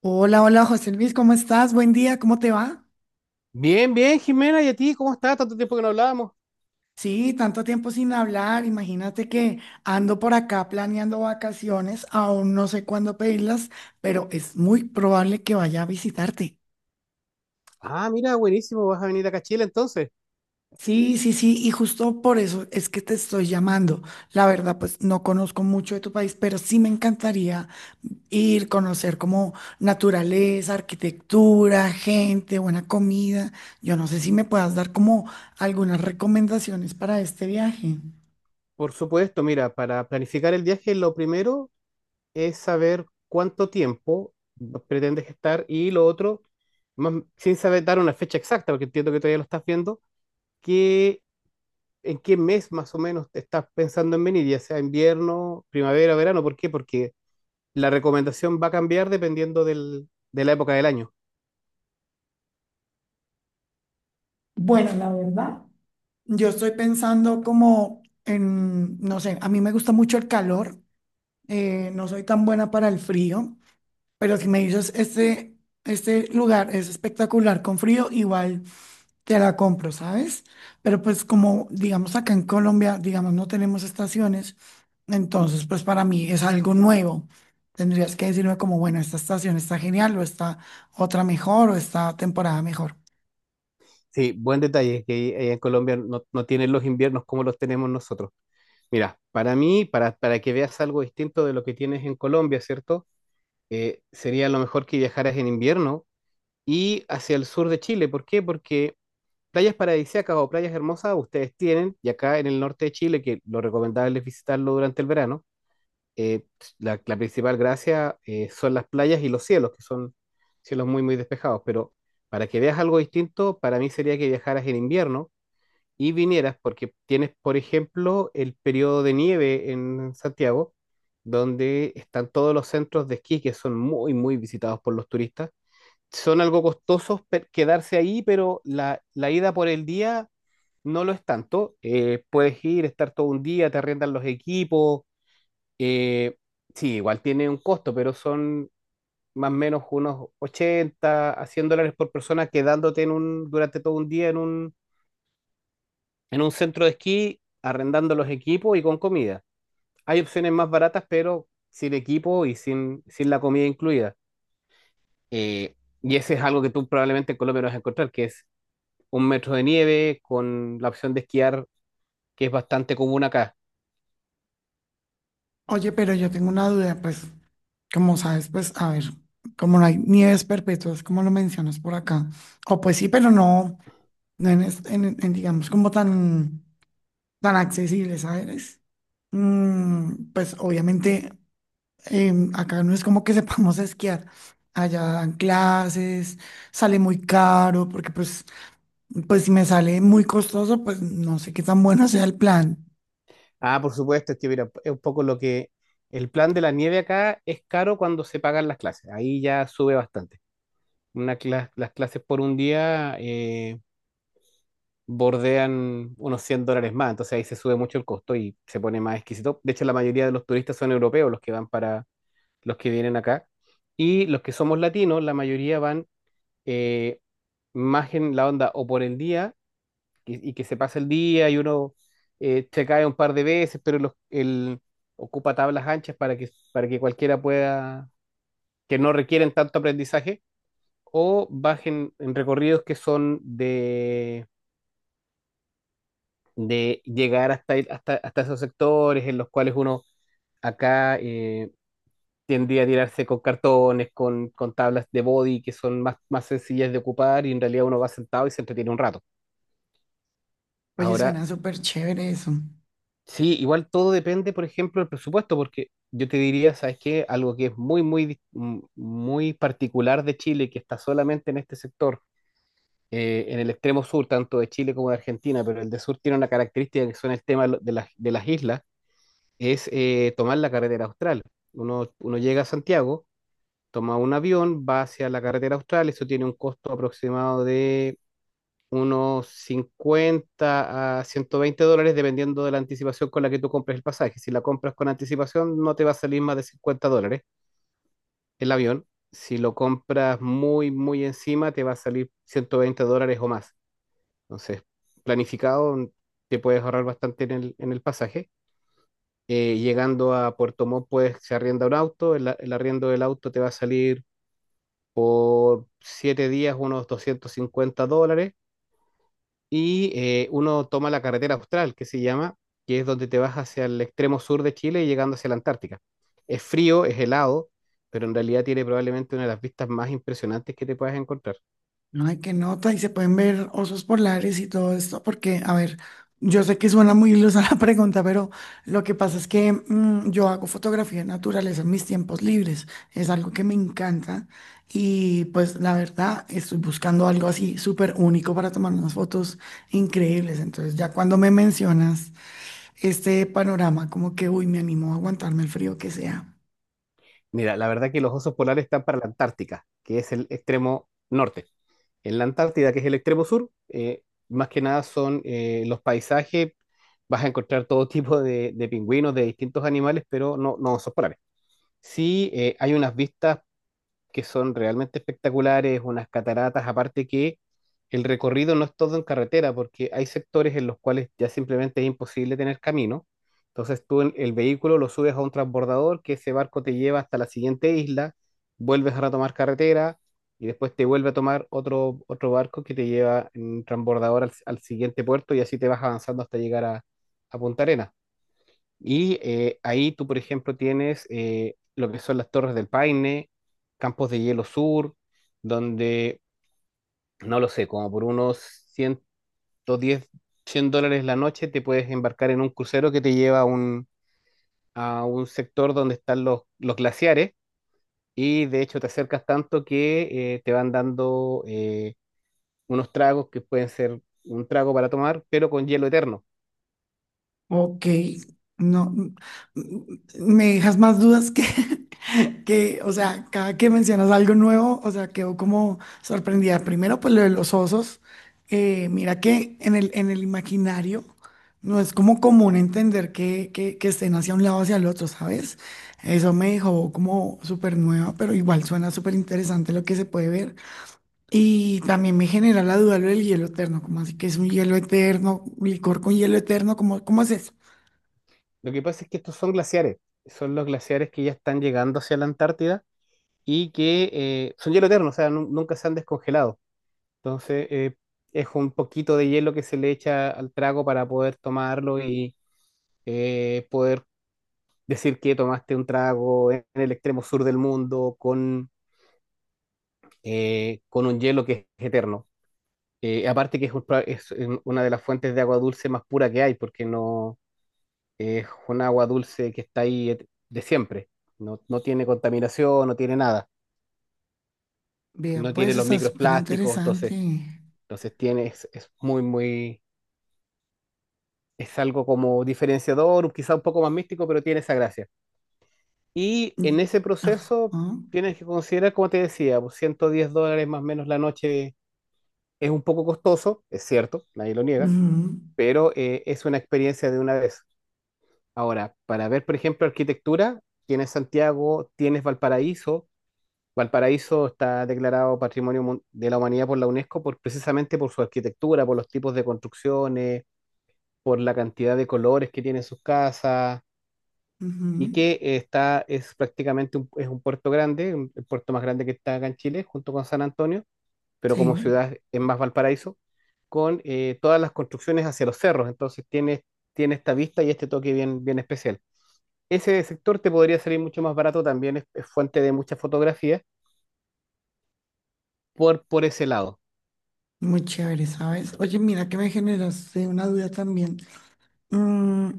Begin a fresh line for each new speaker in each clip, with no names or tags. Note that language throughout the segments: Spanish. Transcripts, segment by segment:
Hola, hola José Luis, ¿cómo estás? Buen día, ¿cómo te va?
Bien, bien, Jimena, ¿y a ti? ¿Cómo estás? Tanto tiempo que no hablábamos.
Sí, tanto tiempo sin hablar. Imagínate que ando por acá planeando vacaciones, aún no sé cuándo pedirlas, pero es muy probable que vaya a visitarte.
Ah, mira, buenísimo, vas a venir acá a Chile entonces.
Sí, sí, sí, y justo por eso es que te estoy llamando. La verdad, pues no conozco mucho de tu país, pero sí me encantaría ir, conocer como naturaleza, arquitectura, gente, buena comida. Yo no sé si me puedas dar como algunas recomendaciones para este viaje.
Por supuesto, mira, para planificar el viaje, lo primero es saber cuánto tiempo pretendes estar y lo otro, más, sin saber dar una fecha exacta, porque entiendo que todavía lo estás viendo, que, ¿en qué mes más o menos te estás pensando en venir? Ya sea invierno, primavera, verano. ¿Por qué? Porque la recomendación va a cambiar dependiendo de la época del año.
Bueno, la verdad, yo estoy pensando como en, no sé, a mí me gusta mucho el calor, no soy tan buena para el frío, pero si me dices, este lugar es espectacular con frío, igual. Te la compro, ¿sabes? Pero pues como, digamos, acá en Colombia, digamos, no tenemos estaciones, entonces pues para mí es algo nuevo. Tendrías que decirme como, bueno, esta estación está genial o está otra mejor o esta temporada mejor.
Sí, buen detalle, que en Colombia no tienen los inviernos como los tenemos nosotros. Mira, para mí, para que veas algo distinto de lo que tienes en Colombia, ¿cierto? Sería lo mejor que viajaras en invierno y hacia el sur de Chile. ¿Por qué? Porque playas paradisíacas o playas hermosas ustedes tienen, y acá en el norte de Chile, que lo recomendable es visitarlo durante el verano, eh, la principal gracia son las playas y los cielos, que son cielos muy, muy despejados. Pero para que veas algo distinto, para mí sería que viajaras en invierno y vinieras, porque tienes, por ejemplo, el periodo de nieve en Santiago, donde están todos los centros de esquí que son muy, muy visitados por los turistas. Son algo costosos quedarse ahí, pero la ida por el día no lo es tanto. Puedes ir, estar todo un día, te arriendan los equipos. eh, sí, igual tiene un costo, pero son más o menos unos 80 a $100 por persona quedándote en un, durante todo un día en un centro de esquí, arrendando los equipos y con comida. Hay opciones más baratas, pero sin equipo y sin la comida incluida. Eh, y ese es algo que tú probablemente en Colombia no vas a encontrar, que es un metro de nieve con la opción de esquiar, que es bastante común acá.
Oye, pero yo tengo una duda, pues, como sabes, pues, a ver, como no hay nieves perpetuas, como lo mencionas por acá, o pues sí, pero no, no en, es- en, digamos, como tan, tan accesible, ¿sabes? Mm, pues obviamente acá no es como que sepamos esquiar. Allá dan clases, sale muy caro, pues si me sale muy costoso, pues no sé qué tan bueno sea el plan.
Ah, por supuesto, es que mira, es un poco lo que el plan de la nieve acá es caro cuando se pagan las clases. Ahí ya sube bastante. Las clases por un día bordean unos $100 más. Entonces ahí se sube mucho el costo y se pone más exquisito. De hecho, la mayoría de los turistas son europeos los que van para los que vienen acá. Y los que somos latinos, la mayoría van eh, más en la onda o por el día y que se pasa el día y uno se cae un par de veces, pero ocupa tablas anchas para que cualquiera pueda, que no requieren tanto aprendizaje, o bajen en recorridos que son de llegar hasta esos sectores en los cuales uno acá tiende a tirarse con cartones, con tablas de body que son más sencillas de ocupar y en realidad uno va sentado y se entretiene un rato.
Oye,
Ahora,
suena súper chévere eso.
sí, igual todo depende, por ejemplo, del presupuesto, porque yo te diría, ¿sabes qué? Algo que es muy, muy, muy particular de Chile, que está solamente en este sector, en el extremo sur, tanto de Chile como de Argentina, pero el de sur tiene una característica que son el tema de de de las islas, es tomar la carretera austral. Uno llega a Santiago, toma un avión, va hacia la carretera austral, eso tiene un costo aproximado de unos 50 a $120 dependiendo de la anticipación con la que tú compres el pasaje. Si la compras con anticipación no te va a salir más de $50 el avión. Si lo compras muy, muy encima te va a salir $120 o más. Entonces, planificado te puedes ahorrar bastante en en el pasaje. Llegando a Puerto Montt, pues se arrienda un auto, el arriendo del auto te va a salir por 7 días unos $250 y uno toma la carretera austral, que se llama, que es donde te vas hacia el extremo sur de Chile y llegando hacia la Antártica. Es frío, es helado, pero en realidad tiene probablemente una de las vistas más impresionantes que te puedas encontrar.
No hay que nota y se pueden ver osos polares y todo esto, porque, a ver, yo sé que suena muy ilusa la pregunta, pero lo que pasa es que yo hago fotografía de naturaleza en mis tiempos libres. Es algo que me encanta y pues la verdad estoy buscando algo así súper único para tomar unas fotos increíbles. Entonces ya cuando me mencionas este panorama, como que, uy, me animo a aguantarme el frío que sea.
Mira, la verdad que los osos polares están para la Antártica, que es el extremo norte. En la Antártida, que es el extremo sur, más que nada son los paisajes, vas a encontrar todo tipo de pingüinos, de distintos animales, pero no osos polares. Sí, hay unas vistas que son realmente espectaculares, unas cataratas, aparte que el recorrido no es todo en carretera, porque hay sectores en los cuales ya simplemente es imposible tener camino. Entonces el vehículo lo subes a un transbordador, que ese barco te lleva hasta la siguiente isla, vuelves a retomar carretera y después te vuelve a tomar otro, otro barco que te lleva en transbordador al siguiente puerto y así te vas avanzando hasta llegar a Punta Arenas. Y ahí tú, por ejemplo, tienes lo que son las Torres del Paine, Campos de Hielo Sur, donde, no lo sé, como por unos $110 $100 la noche te puedes embarcar en un crucero que te lleva a un sector donde están los glaciares y de hecho te acercas tanto que te van dando unos tragos que pueden ser un trago para tomar, pero con hielo eterno.
Ok, no, mm, mm, me dejas más dudas que, que, o sea, cada que mencionas algo nuevo, o sea, quedo como sorprendida. Primero, pues lo de los osos, mira que en el imaginario no es como común entender que, que estén hacia un lado o hacia el otro, ¿sabes? Eso me dejó como súper nueva, pero igual suena súper interesante lo que se puede ver. Y también me genera la duda lo del hielo eterno, como así que es un hielo eterno, licor con hielo eterno, ¿cómo, cómo es eso?
Lo que pasa es que estos son glaciares, son los glaciares que ya están llegando hacia la Antártida y que son hielo eterno, o sea, nunca se han descongelado. Entonces, es un poquito de hielo que se le echa al trago para poder tomarlo y poder decir que tomaste un trago en el extremo sur del mundo con un hielo que es eterno. Aparte que es, es una de las fuentes de agua dulce más pura que hay, porque no es un agua dulce que está ahí de siempre. No tiene contaminación, no tiene nada,
Vea,
no
pues
tiene los
está súper
microplásticos,
interesante.
Entonces tienes es, muy, muy, es algo como diferenciador, quizá un poco más místico, pero tiene esa gracia. Y en
Mm.
ese proceso
Ajá.
tienes que considerar, como te decía, pues, $110 más o menos la noche es un poco costoso, es cierto, nadie lo niega,
Ujú,
pero es una experiencia de una vez. Ahora, para ver, por ejemplo, arquitectura, tienes Santiago, tienes Valparaíso. Valparaíso está declarado Patrimonio de la Humanidad por la UNESCO por, precisamente por su arquitectura, por los tipos de construcciones por la cantidad de colores que tiene sus casas y
ujú.
que está, es prácticamente un, es un puerto grande, el puerto más grande que está acá en Chile, junto con San Antonio, pero como
Sí,
ciudad es más Valparaíso, con todas las construcciones hacia los cerros, entonces tiene, tiene esta vista y este toque bien, bien especial. Ese sector te podría salir mucho más barato, también es fuente de muchas fotografías por ese lado.
muy chévere, ¿sabes? Oye, mira que me generaste una duda también. Mm,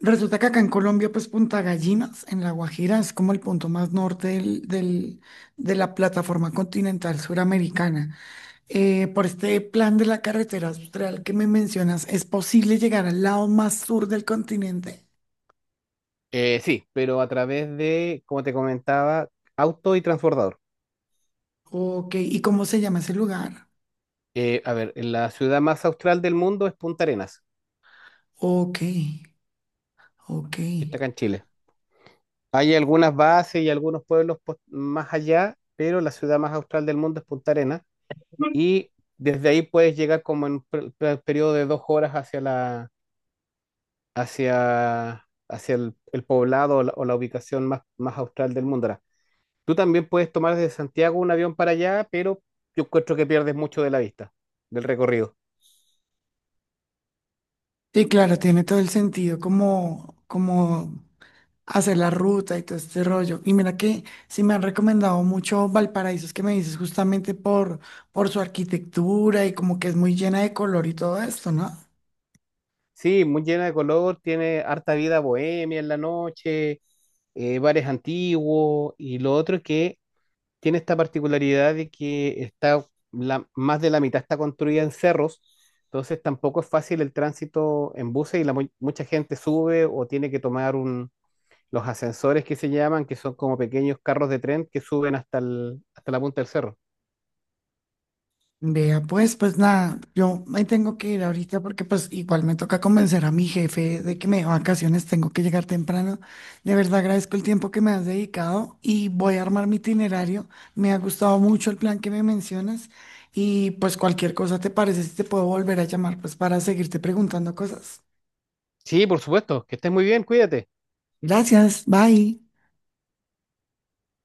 resulta que acá en Colombia, pues Punta Gallinas, en La Guajira, es como el punto más norte de la plataforma continental suramericana. Por este plan de la carretera austral que me mencionas, ¿es posible llegar al lado más sur del continente?
Sí, pero a través de, como te comentaba, auto y transbordador.
Ok, ¿y cómo se llama ese lugar?
A ver, la ciudad más austral del mundo es Punta Arenas,
Ok, ok.
que está acá en Chile. Hay algunas bases y algunos pueblos más allá, pero la ciudad más austral del mundo es Punta Arenas. Y desde ahí puedes llegar como en un periodo de 2 horas hacia hacia, hacia el poblado o o la ubicación más, más austral del mundo. Ahora, tú también puedes tomar desde Santiago un avión para allá, pero yo encuentro que pierdes mucho de la vista, del recorrido.
Sí, claro, tiene todo el sentido, como, como hacer la ruta y todo este rollo. Y mira que sí me han recomendado mucho Valparaíso, es que me dices justamente por su arquitectura y como que es muy llena de color y todo esto, ¿no?
Sí, muy llena de color, tiene harta vida bohemia en la noche, bares antiguos y lo otro es que tiene esta particularidad de que está más de la mitad está construida en cerros, entonces tampoco es fácil el tránsito en buses y mucha gente sube o tiene que tomar un, los ascensores que se llaman, que son como pequeños carros de tren que suben hasta hasta la punta del cerro.
Vea, pues, pues nada, yo me tengo que ir ahorita porque pues igual me toca convencer a mi jefe de que me dé vacaciones, tengo que llegar temprano. De verdad agradezco el tiempo que me has dedicado y voy a armar mi itinerario. Me ha gustado mucho el plan que me mencionas y pues cualquier cosa te parece, si te puedo volver a llamar pues para seguirte preguntando cosas.
Sí, por supuesto, que estés muy bien, cuídate.
Gracias, bye.